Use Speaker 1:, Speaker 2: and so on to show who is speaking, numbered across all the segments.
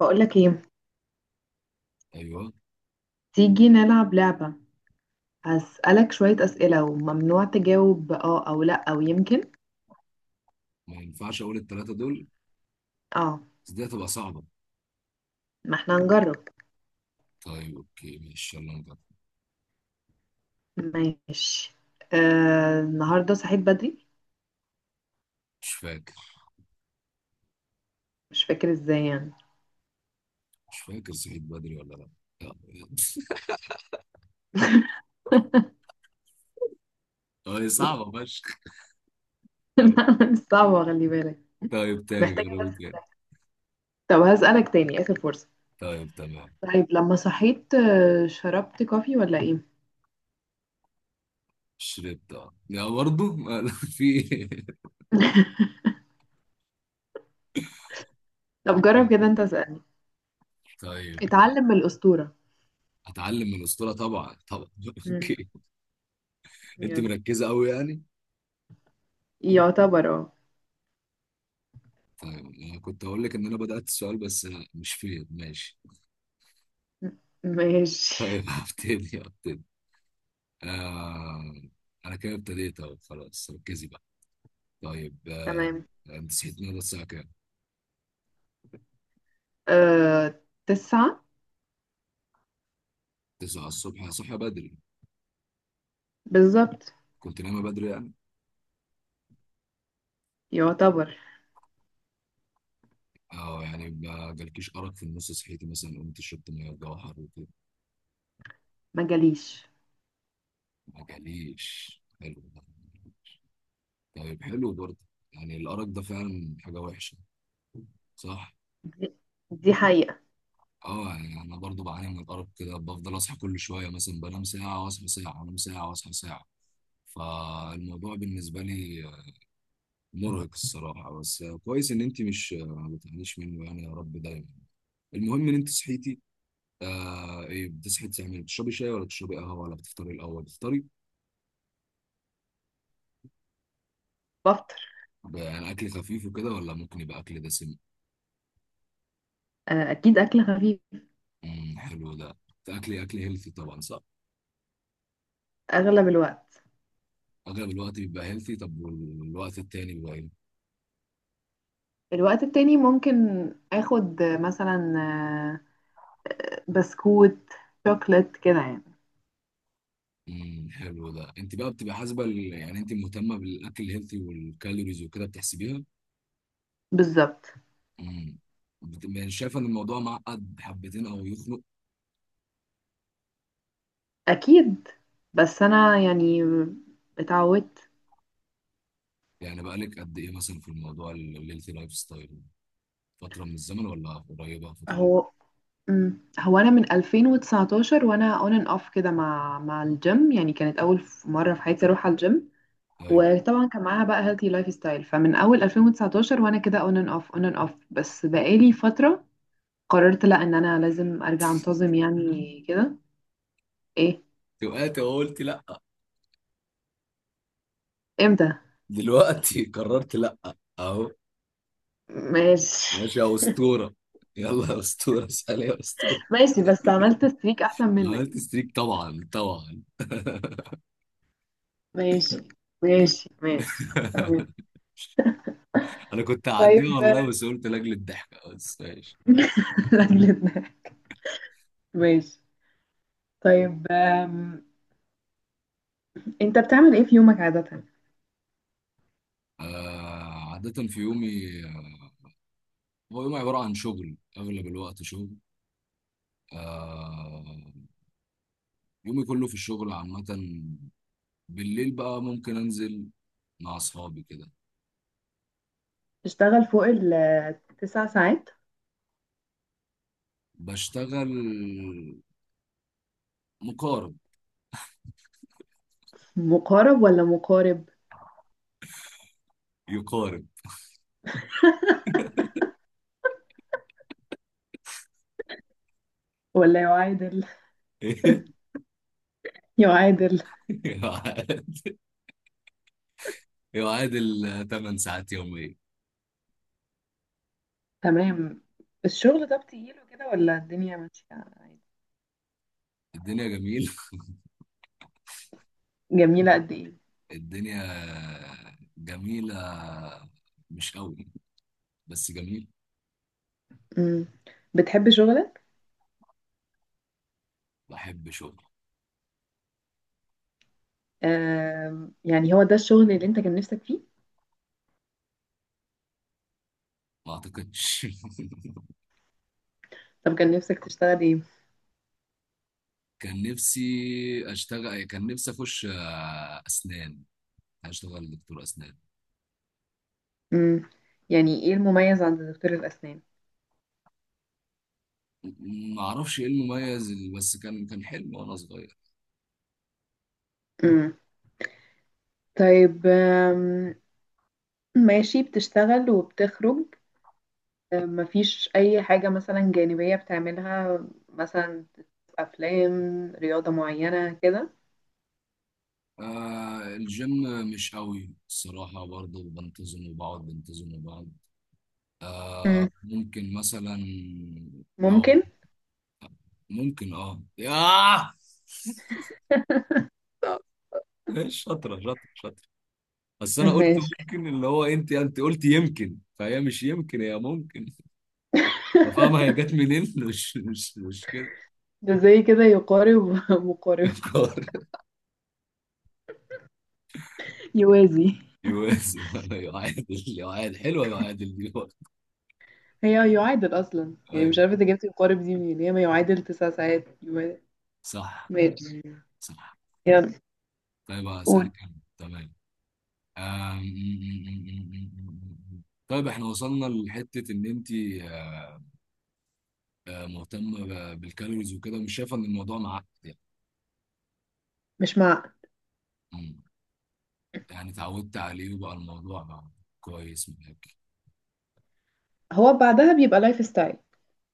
Speaker 1: بقولك ايه؟
Speaker 2: ايوه.
Speaker 1: تيجي نلعب لعبة. هسألك شوية أسئلة، وممنوع تجاوب اه أو لأ أو يمكن.
Speaker 2: ما ينفعش اقول الثلاثه دول،
Speaker 1: اه،
Speaker 2: بس دي هتبقى صعبه.
Speaker 1: ما احنا هنجرب.
Speaker 2: طيب اوكي ماشي يلا نجرب.
Speaker 1: ماشي. النهاردة صحيت بدري.
Speaker 2: مش فاكر.
Speaker 1: مش فاكر ازاي يعني.
Speaker 2: مش فاكر صحيت بدري ولا لا. لا. اه هي صعبه فشخ.
Speaker 1: صعبة، خلي بالك.
Speaker 2: طيب تاني،
Speaker 1: محتاجة
Speaker 2: جربوا
Speaker 1: بس.
Speaker 2: تاني.
Speaker 1: طب هسألك تاني، آخر فرصة.
Speaker 2: طيب تمام.
Speaker 1: طيب لما صحيت، شربت كوفي ولا ايه؟
Speaker 2: شربت اه لا برضه في إيه؟
Speaker 1: طب جرب
Speaker 2: طب-
Speaker 1: كده، انت اسألني.
Speaker 2: طيب.
Speaker 1: اتعلم من الأسطورة.
Speaker 2: اتعلم من الاسطوره، طبعا طبعا
Speaker 1: مم،
Speaker 2: اوكي، انت
Speaker 1: يلا.
Speaker 2: مركزه قوي يعني.
Speaker 1: يعتبر، اه.
Speaker 2: طيب انا كنت هقول لك ان انا بدات السؤال بس مش فيه، ماشي.
Speaker 1: ماشي،
Speaker 2: طيب هبتدي. آه، انا كده ابتديت اهو، خلاص ركزي بقى. طيب آه،
Speaker 1: تمام.
Speaker 2: انت صحيت النهارده الساعه كام؟
Speaker 1: آه 9.
Speaker 2: 9 الصبح، صحى بدري.
Speaker 1: بالظبط.
Speaker 2: كنت نايمه بدري يعني.
Speaker 1: يعتبر.
Speaker 2: اه يعني ما جالكيش ارق في النص، صحيتي مثلا قمت شربت ميه جوهر وكده؟
Speaker 1: ما جاليش.
Speaker 2: ما جاليش، حلو ده. طيب حلو برضه. يعني الارق ده فعلا حاجه وحشه، صح؟
Speaker 1: دي دي حقيقة.
Speaker 2: اه يعني انا برضه بعاني من الارق كده، بفضل اصحى كل شويه. مثلا بنام ساعه واصحى ساعه، انام ساعه واصحى ساعه. فالموضوع بالنسبه لي مرهق الصراحة، بس كويس إن أنت مش ما بتعانيش منه يعني، يا رب دايما. المهم إن أنت صحيتي آه. إيه بتصحي تعملي، بتشربي شاي ولا بتشربي قهوة، ولا بتفطري الأول؟ بتفطري
Speaker 1: بفطر.
Speaker 2: يعني أكل خفيف وكده، ولا ممكن يبقى أكل دسم؟
Speaker 1: أكيد أكل خفيف.
Speaker 2: امم، حلو ده. أكل أكل هيلثي طبعا، صح؟
Speaker 1: أغلب الوقت.
Speaker 2: أغلب الوقت بيبقى هيلثي، طب والوقت التاني بيبقى إيه؟
Speaker 1: الوقت التاني ممكن أخد، مثلا، بسكوت، شوكليت كده يعني.
Speaker 2: امم، حلو ده. أنت بقى بتبقى حاسبة يعني أنت مهتمة بالأكل الهيلثي والكالوريز وكده، بتحسبيها؟
Speaker 1: بالظبط.
Speaker 2: امم. يعني شايفة إن الموضوع معقد حبتين أو يخنق؟
Speaker 1: أكيد، بس أنا يعني اتعودت.
Speaker 2: يعني بقالك قد ايه مثلا في الموضوع الهيلثي لايف ستايل؟ فتره من الزمن ولا قريبه، فتره قريبة؟
Speaker 1: هو مم. هو أنا من 2019 وأنا on and off كده مع الجيم، يعني كانت أول مرة في حياتي أروح على الجيم.
Speaker 2: ايوه،
Speaker 1: وطبعا كان معاها بقى هيلثي لايف ستايل. فمن اول 2019 وانا كده اون اند اوف اون اند اوف، بس بقالي فتره قررت لا، ان انا لازم ارجع انتظم يعني كده. ايه.
Speaker 2: وقعت وقلت لا.
Speaker 1: امتى.
Speaker 2: دلوقتي قررت لا، اهو.
Speaker 1: ماشي،
Speaker 2: ماشي يا اسطوره، يلا يا اسطوره، اسال يا اسطوره.
Speaker 1: ماشي. بس عملت ستريك احسن منك.
Speaker 2: عملت ستريك طبعا طبعا
Speaker 1: ماشي. ماشي، ماشي. تمام.
Speaker 2: انا كنت
Speaker 1: طيب.
Speaker 2: هعديها والله، بس قلت لاجل الضحكه، بس ماشي.
Speaker 1: رجلتنا. ماشي. طيب. انت بتعمل ايه في يومك عادة؟
Speaker 2: آه، عاده في يومي هو يومي عباره عن شغل، اغلب الوقت شغل. آه، يومي كله في الشغل عامه. بالليل بقى ممكن انزل مع اصحابي كده.
Speaker 1: تشتغل فوق التسع ساعات؟
Speaker 2: بشتغل مقارب،
Speaker 1: مقارب ولا مقارب؟
Speaker 2: يقارب
Speaker 1: ولا يعادل؟ يعادل.
Speaker 2: يعادل. يعادل 8 ساعات يوميا.
Speaker 1: تمام. الشغل ده بتجيله كده ولا الدنيا ماشية عادي؟
Speaker 2: الدنيا جميل.
Speaker 1: جميلة قد ايه؟
Speaker 2: الدنيا جميلة، مش قوي بس جميل.
Speaker 1: مم. بتحب شغلك؟
Speaker 2: بحب شغل.
Speaker 1: يعني هو ده الشغل اللي انت كان نفسك فيه؟
Speaker 2: ما اعتقدش.
Speaker 1: طب كان نفسك تشتغل ايه؟
Speaker 2: كان نفسي اشتغل، كان نفسي اخش اسنان، اشتغل دكتور اسنان.
Speaker 1: مم. يعني ايه المميز عند دكتور الأسنان؟
Speaker 2: ما اعرفش ايه المميز، بس كان كان حلم وانا صغير.
Speaker 1: مم. طيب. ماشي، بتشتغل وبتخرج. مفيش أي حاجة مثلا جانبية بتعملها؟ مثلا أفلام، رياضة معينة كده؟
Speaker 2: آه الجيم، مش قوي الصراحة برضه، بنتظم وبقعد بنتظم وبقعد. آه
Speaker 1: مم.
Speaker 2: ممكن مثلا، لو
Speaker 1: ممكن.
Speaker 2: ممكن اه ياه ايش، شاطرة شاطرة شاطرة. بس انا قلت
Speaker 1: ماشي.
Speaker 2: ممكن، اللي هو انت انت قلت يمكن، فهي مش يمكن هي ممكن. فاهمة هي جت منين؟ مش كده.
Speaker 1: ده زي كده يقارب. مقارب.
Speaker 2: يقار،
Speaker 1: يوازي.
Speaker 2: يوازي يعادل. يعادل حلوة، يعادل دي.
Speaker 1: هي يعادل أصلا، يعني مش
Speaker 2: ايوه،
Speaker 1: عارفة انت جبت يقارب دي منين، هي ما يعادل 9 ساعات
Speaker 2: صح.
Speaker 1: ماشي.
Speaker 2: صح.
Speaker 1: يلا
Speaker 2: طيب
Speaker 1: قول.
Speaker 2: هسألك انا، تمام؟ آم، طيب احنا وصلنا لحتة ان انت آه، آه، مهتمة بالكالوريز وكده، مش شايفة ان الموضوع معاك يعني.
Speaker 1: مش مع.
Speaker 2: مم. يعني اتعودت عليه وبقى الموضوع بقى كويس معاك.
Speaker 1: هو بعدها بيبقى لايف ستايل،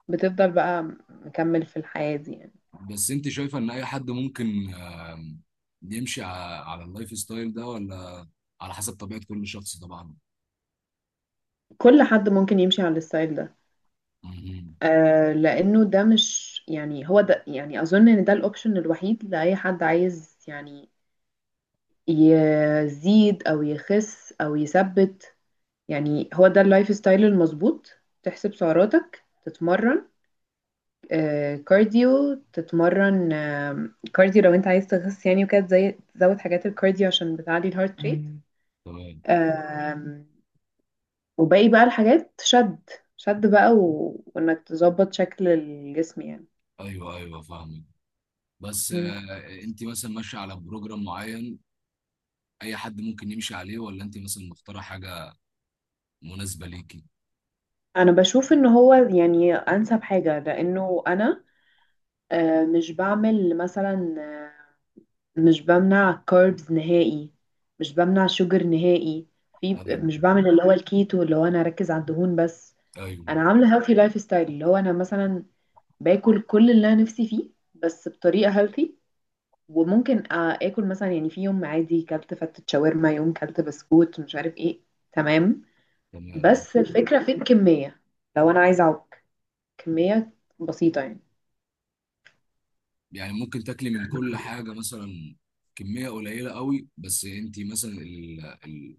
Speaker 1: بتفضل بقى مكمل في الحياة دي يعني.
Speaker 2: بس انت شايفة ان اي حد ممكن آم، يمشي على اللايف ستايل ده، ولا على حسب طبيعة كل شخص طبعا؟
Speaker 1: كل حد ممكن يمشي على الستايل ده.
Speaker 2: مم.
Speaker 1: لأنه ده مش يعني، هو ده يعني أظن إن ده الأوبشن الوحيد لأي حد عايز يعني يزيد أو يخس أو يثبت. يعني هو ده اللايف ستايل المظبوط، تحسب سعراتك، تتمرن كارديو، تتمرن كارديو لو انت عايز تخس يعني، وكده زي تزود حاجات الكارديو عشان بتعلي الهارت ريت. مم.
Speaker 2: تمام.
Speaker 1: آه. وباقي بقى الحاجات، شد. شد بقى و... وانك تظبط شكل الجسم يعني.
Speaker 2: ايوه ايوه، فاهمك. بس
Speaker 1: مم.
Speaker 2: آه، انت مثلا ماشية على بروجرام معين، اي حد ممكن يمشي عليه، ولا انت مثلا مختارة حاجة مناسبة ليكي؟
Speaker 1: انا بشوف ان هو يعني انسب حاجة، لانه انا مش بعمل مثلا، مش بمنع كاربز نهائي، مش بمنع شوجر نهائي، في مش
Speaker 2: ايوه،
Speaker 1: بعمل اللي هو الكيتو اللي هو انا اركز على الدهون بس.
Speaker 2: ايوه،
Speaker 1: انا عامله هيلثي لايف ستايل اللي هو انا مثلا باكل كل اللي انا نفسي فيه، بس بطريقه هيلثي. وممكن اكل مثلا، يعني في يوم عادي كلت فتة شاورما، يوم كلت بسكوت مش عارف ايه. تمام،
Speaker 2: تمام.
Speaker 1: بس الفكره في الكميه، لو انا عايزه اعوج كميه بسيطه يعني.
Speaker 2: يعني ممكن تاكلي من كل حاجة مثلا كمية قليلة قوي، بس انت مثلا ال... ال...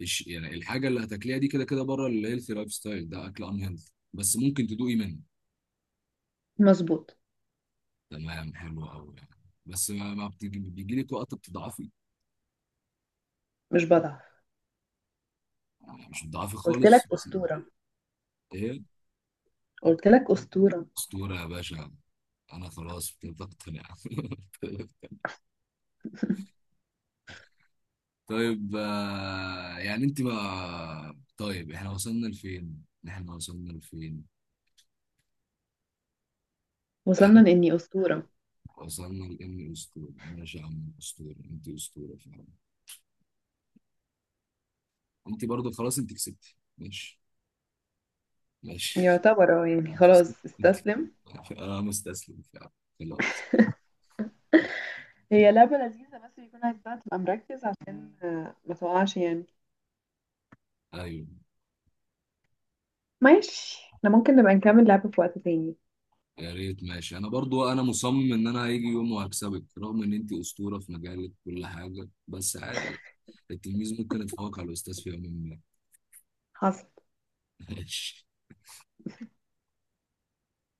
Speaker 2: يعني الحاجة اللي هتاكليها دي كده كده بره الهيلثي لايف ستايل، ده اكل ان هيلثي بس ممكن تدوقي منه.
Speaker 1: مظبوط.
Speaker 2: تمام، حلو قوي يعني. بس ما بتيجي بيجي لك وقت بتضعفي؟
Speaker 1: مش بضعف.
Speaker 2: يعني مش بتضعفي
Speaker 1: قلت
Speaker 2: خالص
Speaker 1: لك اسطوره.
Speaker 2: ايه.
Speaker 1: قلت لك اسطوره.
Speaker 2: اسطورة يا باشا، انا خلاص ابتديت اقتنع طيب آه، يعني انت بقى، طيب احنا وصلنا لفين؟ احنا وصلنا لفين؟ يعني
Speaker 1: وصلنا
Speaker 2: انت،
Speaker 1: لإني أسطورة.
Speaker 2: وصلنا لاني اسطوره. ماشي يا عم اسطوره، انت اسطوره فعلا. انت برضو خلاص، انت كسبتي. ماشي، ماشي.
Speaker 1: يعتبر، اه، يعني
Speaker 2: انت كسبتي،
Speaker 1: خلاص
Speaker 2: انت
Speaker 1: استسلم.
Speaker 2: كسبتي. انا مستسلم فعلا، خلاص.
Speaker 1: هي لعبة لذيذة، بس يكون عايز بقى تبقى مركز عشان ما تقعش يعني.
Speaker 2: ايوه
Speaker 1: ماشي، احنا ممكن نبقى نكمل لعبة في وقت تاني.
Speaker 2: يا ريت ماشي، انا برضو انا مصمم ان انا هيجي يوم وهكسبك، رغم ان انت اسطوره في مجالك كل حاجه، بس عادي. التلميذ ممكن يتفوق على الاستاذ في يوم ما.
Speaker 1: حصل.
Speaker 2: ماشي.